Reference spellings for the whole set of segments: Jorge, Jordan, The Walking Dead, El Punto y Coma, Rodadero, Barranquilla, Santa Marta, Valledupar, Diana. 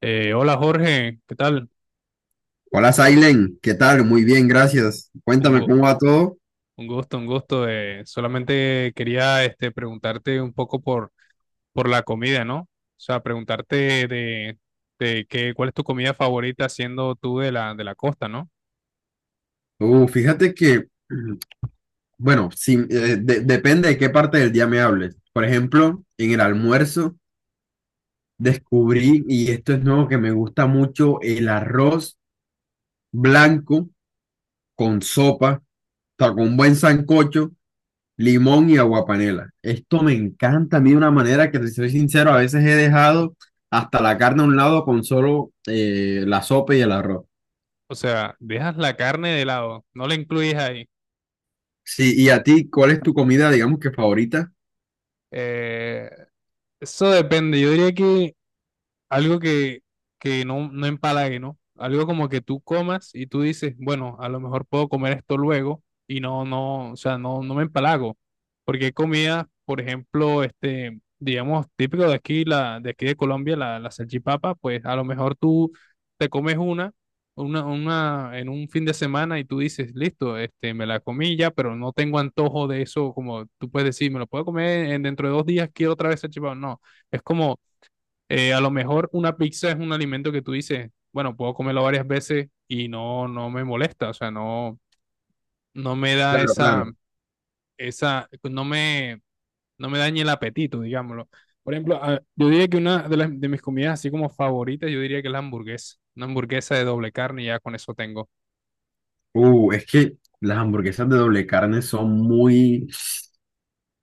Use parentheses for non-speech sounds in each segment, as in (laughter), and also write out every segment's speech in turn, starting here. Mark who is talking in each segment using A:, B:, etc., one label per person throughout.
A: Hola Jorge, ¿qué tal?
B: Hola, Sailen, ¿qué tal? Muy bien, gracias.
A: Un,
B: Cuéntame
A: gu-
B: cómo va todo.
A: un gusto, un gusto. Solamente quería preguntarte un poco por la comida, ¿no? O sea, preguntarte de qué, cuál es tu comida favorita siendo tú de la costa, ¿no?
B: Fíjate que, mm, bueno, si, de- Depende de qué parte del día me hables. Por ejemplo, en el almuerzo descubrí, y esto es nuevo, que me gusta mucho el arroz blanco con sopa, o sea, con un buen sancocho, limón y aguapanela. Esto me encanta a mí de una manera que, te soy sincero, a veces he dejado hasta la carne a un lado con solo la sopa y el arroz.
A: O sea, dejas la carne de lado, no la incluyes ahí.
B: Sí, y a ti, ¿cuál es tu comida, digamos que favorita?
A: Eh, Eso depende, yo diría que algo que no, no empalague, ¿no? Algo como que tú comas y tú dices, bueno, a lo mejor puedo comer esto luego y no, no, o sea, no, no me empalago. Porque hay comidas, por ejemplo, digamos, típico de aquí, de aquí de Colombia, la salchipapa, pues a lo mejor tú te comes una en un fin de semana y tú dices, listo, me la comí ya, pero no tengo antojo de eso, como tú puedes decir, me lo puedo comer dentro de 2 días, quiero otra vez salchipapa. No, es como a lo mejor una pizza es un alimento que tú dices, bueno, puedo comerlo varias veces y no, no me molesta, o sea, no, no me da
B: Claro, claro.
A: esa, no me, no me daña el apetito, digámoslo. Por ejemplo, yo diría que de mis comidas así como favoritas, yo diría que es la hamburguesa. Una hamburguesa de doble carne y ya con eso tengo.
B: Es que las hamburguesas de doble carne son muy,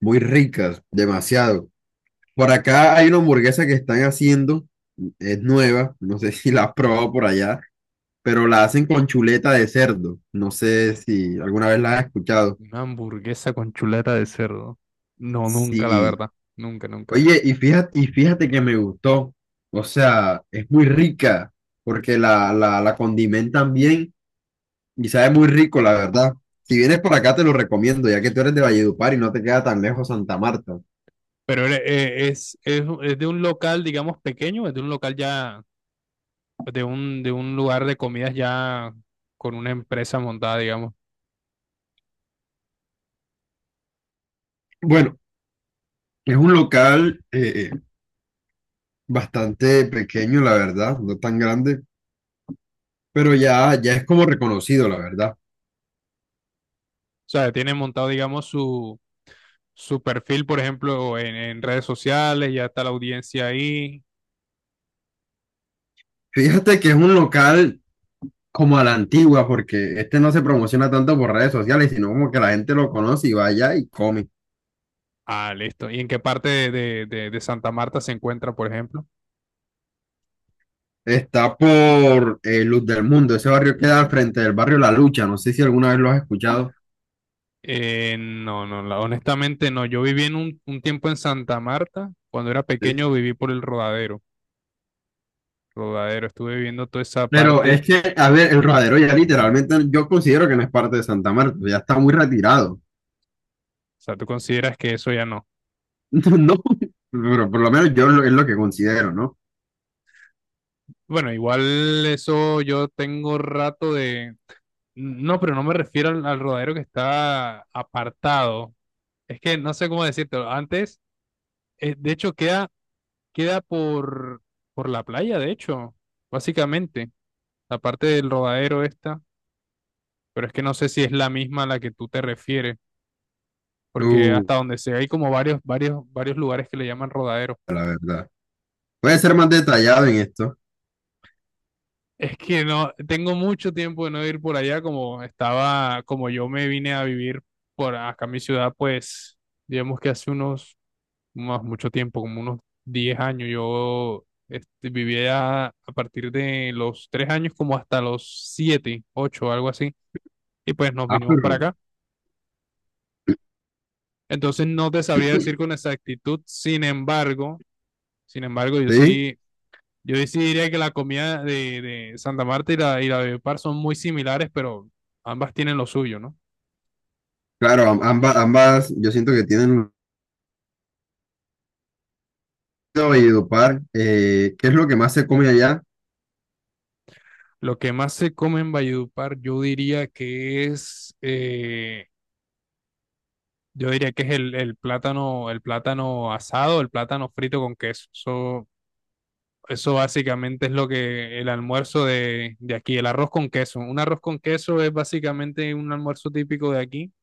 B: muy ricas, demasiado. Por acá hay una hamburguesa que están haciendo, es nueva, no sé (laughs) si la has probado por allá, pero la hacen con chuleta de cerdo. No sé si alguna vez la has escuchado.
A: Una hamburguesa con chuleta de cerdo. No, nunca, la
B: Sí.
A: verdad. Nunca, nunca.
B: Oye, y fíjate que me gustó. O sea, es muy rica porque la condimentan bien y sabe muy rico, la verdad. Si vienes por acá, te lo recomiendo, ya que tú eres de Valledupar y no te queda tan lejos Santa Marta.
A: Pero es de un local, digamos, pequeño, es de un local ya pues, de un lugar de comidas ya con una empresa montada, digamos. O
B: Bueno, es un local bastante pequeño, la verdad, no tan grande, pero ya, ya es como reconocido, la verdad.
A: sea, tiene montado, digamos, su perfil, por ejemplo, en redes sociales, ya está la audiencia ahí.
B: Fíjate que es un local como a la antigua, porque este no se promociona tanto por redes sociales, sino como que la gente lo conoce y vaya y come.
A: Ah, listo. ¿Y en qué parte de Santa Marta se encuentra, por ejemplo?
B: Está por Luz del Mundo, ese barrio queda al frente del barrio La Lucha, no sé si alguna vez lo has escuchado.
A: No, no, honestamente no. Yo viví en un tiempo en Santa Marta. Cuando era pequeño viví por el Rodadero. Rodadero, estuve viviendo toda esa
B: Pero
A: parte.
B: es que, a ver, el rodadero ya literalmente yo considero que no es parte de Santa Marta, ya está muy retirado.
A: O sea, ¿tú consideras que eso ya no?
B: (laughs) No, pero por lo menos yo lo- es lo que considero, ¿no?
A: Bueno, igual eso yo tengo rato de. No, pero no me refiero al rodadero que está apartado. Es que no sé cómo decírtelo. Antes, de hecho, queda por la playa, de hecho, básicamente. La parte del rodadero esta. Pero es que no sé si es la misma a la que tú te refieres. Porque
B: Uh,
A: hasta donde sé, hay como varios, varios, varios lugares que le llaman rodadero.
B: la verdad. Puede ser
A: No,
B: más detallado en esto.
A: es que no, tengo mucho tiempo de no ir por allá, como estaba, como yo me vine a vivir por acá a mi ciudad, pues, digamos que hace unos más mucho tiempo, como unos 10 años. Yo vivía a partir de los 3 años como hasta los 7 8 algo así, y pues nos
B: Ah,
A: vinimos para
B: pero
A: acá. Entonces no te sabría decir con exactitud, sin embargo, yo
B: sí,
A: sí, yo sí diría que la comida de Santa Marta y y la de Valledupar son muy similares, pero ambas tienen lo suyo, ¿no?
B: claro, am- ambas yo siento que tienen un y Valledupar. ¿Qué es lo que más se come allá?
A: Lo que más se come en Valledupar, yo diría que yo diría que es el plátano, el plátano asado, el plátano frito con queso. Eso básicamente es lo que el almuerzo de aquí, el arroz con queso. Un arroz con queso es básicamente un almuerzo típico de aquí,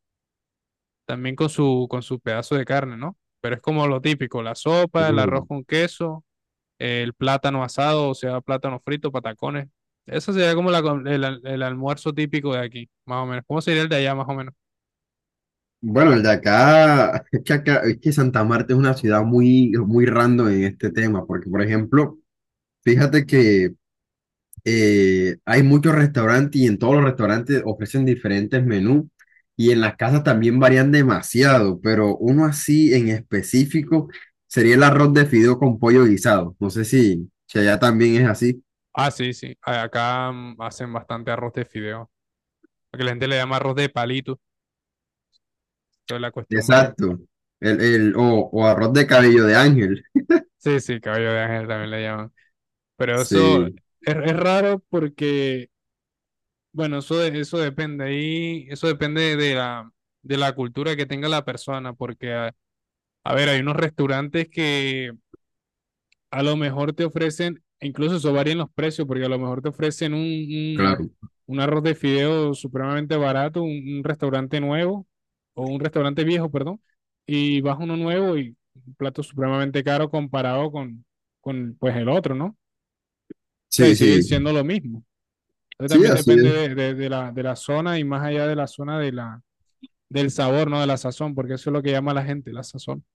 A: también con su pedazo de carne, ¿no? Pero es como lo típico, la sopa, el arroz
B: Uh,
A: con queso, el plátano asado, o sea, plátano frito, patacones. Eso sería como la com- el, al- el almuerzo típico de aquí, más o menos. ¿Cómo sería el de allá, más o menos?
B: bueno, el de acá, (laughs) es que acá- es que Santa Marta es una ciudad muy, muy random en este tema, porque por ejemplo, fíjate que hay muchos restaurantes y en todos los restaurantes ofrecen diferentes menús y en las casas también varían demasiado, pero uno así en específico sería el arroz de fideo con pollo guisado. No sé si, si allá también es así.
A: Ah, sí, sí. Acá hacen bastante arroz de fideo. Porque la gente le llama arroz de palito. Toda la cuestión varía.
B: Exacto. El, el, o, o arroz de cabello de ángel.
A: Sí, sí, cabello de ángel también le llaman. Pero eso es,
B: Sí,
A: es raro porque, bueno, eso depende ahí, eso depende de la cultura que tenga la persona. Porque, a ver, hay unos restaurantes que a lo mejor te ofrecen, e incluso eso varía en los precios, porque a lo mejor te ofrecen un, un,
B: claro.
A: un arroz de fideo supremamente barato, un restaurante nuevo, o un restaurante viejo, perdón, y vas a uno nuevo y un plato supremamente caro comparado con pues, el otro, ¿no? O sea, y
B: Sí,
A: sigue
B: sí.
A: siendo lo mismo. Entonces
B: Sí,
A: también
B: así
A: depende
B: es.
A: de la zona y más allá de la zona del sabor, ¿no? De la sazón, porque eso es lo que llama la gente, la sazón.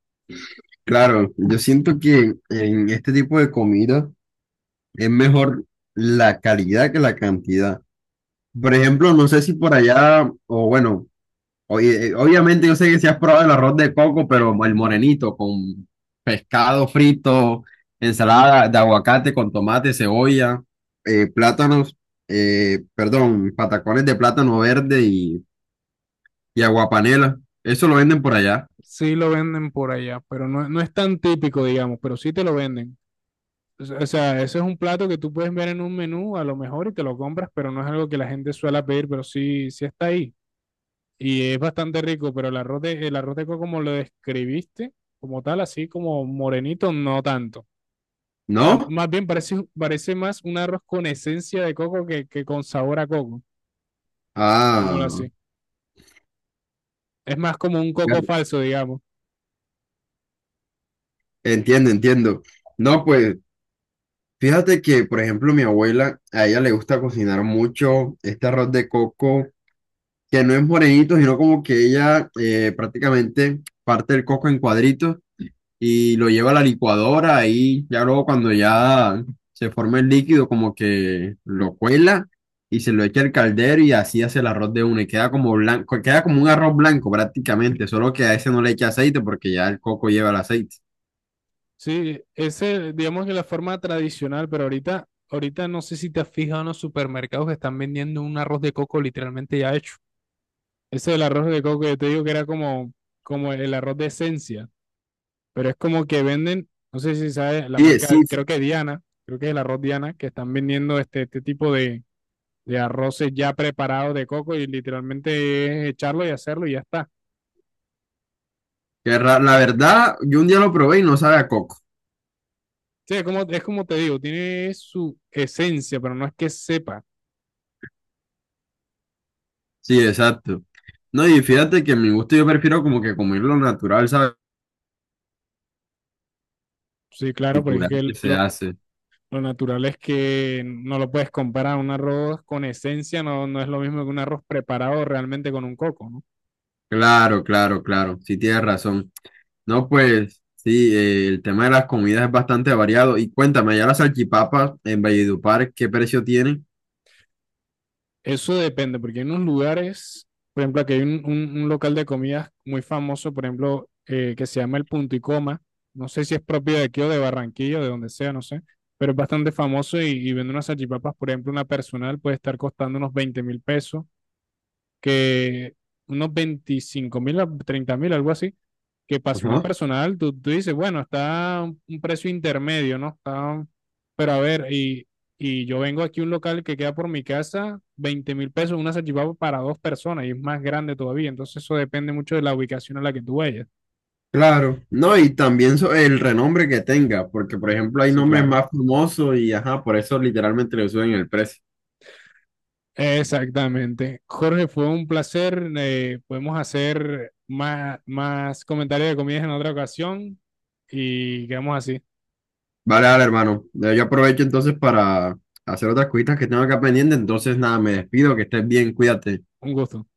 B: Claro, yo siento que en este tipo de comida es mejor la calidad que la cantidad. Por ejemplo, no sé si por allá, o bueno, oye, obviamente yo sé que si has probado el arroz de coco, pero el morenito con pescado frito, ensalada de aguacate con tomate, cebolla, plátanos, perdón, patacones de plátano verde y aguapanela. Eso lo venden por allá,
A: Sí lo venden por allá, pero no, no es tan típico, digamos, pero sí te lo venden. O sea, eso es un plato que tú puedes ver en un menú a lo mejor y te lo compras, pero no es algo que la gente suele pedir, pero sí, sí está ahí. Y es bastante rico, pero el arroz de coco como lo describiste, como tal, así como morenito, no tanto. O sea,
B: ¿no?
A: más bien parece, más un arroz con esencia de coco que con sabor a coco,
B: Ah,
A: digámoslo así. Es más como un coco
B: claro,
A: falso, digamos.
B: entiendo, entiendo. No, pues fíjate que, por ejemplo, mi abuela, a ella le gusta cocinar mucho este arroz de coco que no es morenito, sino como que ella prácticamente parte el coco en cuadritos y lo lleva a la licuadora y ya luego cuando ya se forma el líquido como que lo cuela y se lo echa al caldero y así hace el arroz de una y queda como blanco, queda como un arroz blanco prácticamente, solo que a ese no le echa aceite porque ya el coco lleva el aceite.
A: Sí, ese, digamos que la forma tradicional, pero ahorita no sé si te has fijado en los supermercados que están vendiendo un arroz de coco literalmente ya hecho. Ese del arroz de coco que te digo que era como el arroz de esencia, pero es como que venden, no sé si sabes, la
B: Sí, sí,
A: marca, creo
B: sí,
A: que Diana, creo que es el arroz Diana, que están vendiendo este tipo de arroces ya preparados de coco y literalmente es echarlo y hacerlo y ya está.
B: que ra- la verdad, yo un día lo probé y no sabe a coco.
A: Sí, es como te digo, tiene su esencia, pero no es que sepa.
B: Sí, exacto. No, y fíjate que en mi gusto yo prefiero como que comerlo natural, ¿sabes?
A: Sí, claro, porque es
B: Cultural
A: que
B: que se hace.
A: lo natural es que no lo puedes comparar. Un arroz con esencia no, no es lo mismo que un arroz preparado realmente con un coco, ¿no?
B: Claro, claro, claro. Sí, tienes razón. No, pues sí, el tema de las comidas es bastante variado. Y cuéntame, allá las salchipapas en Valledupar, ¿qué precio tienen?
A: Eso depende, porque hay unos lugares, por ejemplo, aquí hay un local de comidas muy famoso, por ejemplo, que se llama El Punto y Coma. No sé si es propio de aquí o de Barranquilla o de donde sea, no sé, pero es bastante famoso y vende unas salchipapas, por ejemplo, una personal puede estar costando unos 20,000 pesos que unos 25,000 a 30,000, algo así, que pase una
B: Ajá.
A: personal, tú dices, bueno, está un precio intermedio, ¿no? Está, pero a ver, y yo vengo aquí a un local que queda por mi casa, 20,000 pesos, una salchipapa para dos personas y es más grande todavía, entonces eso depende mucho de la ubicación a la que tú vayas.
B: Claro. No, y también so- el renombre que tenga, porque por ejemplo hay
A: Sí,
B: nombres
A: claro.
B: más famosos y ajá, por eso literalmente le suben el precio.
A: Exactamente. Jorge, fue un placer. Podemos hacer más comentarios de comidas en otra ocasión y quedamos así.
B: Vale, vale, hermano. Yo aprovecho entonces para hacer otras cositas que tengo acá pendiente. Entonces, nada, me despido, que estés bien, cuídate.
A: Un gusto.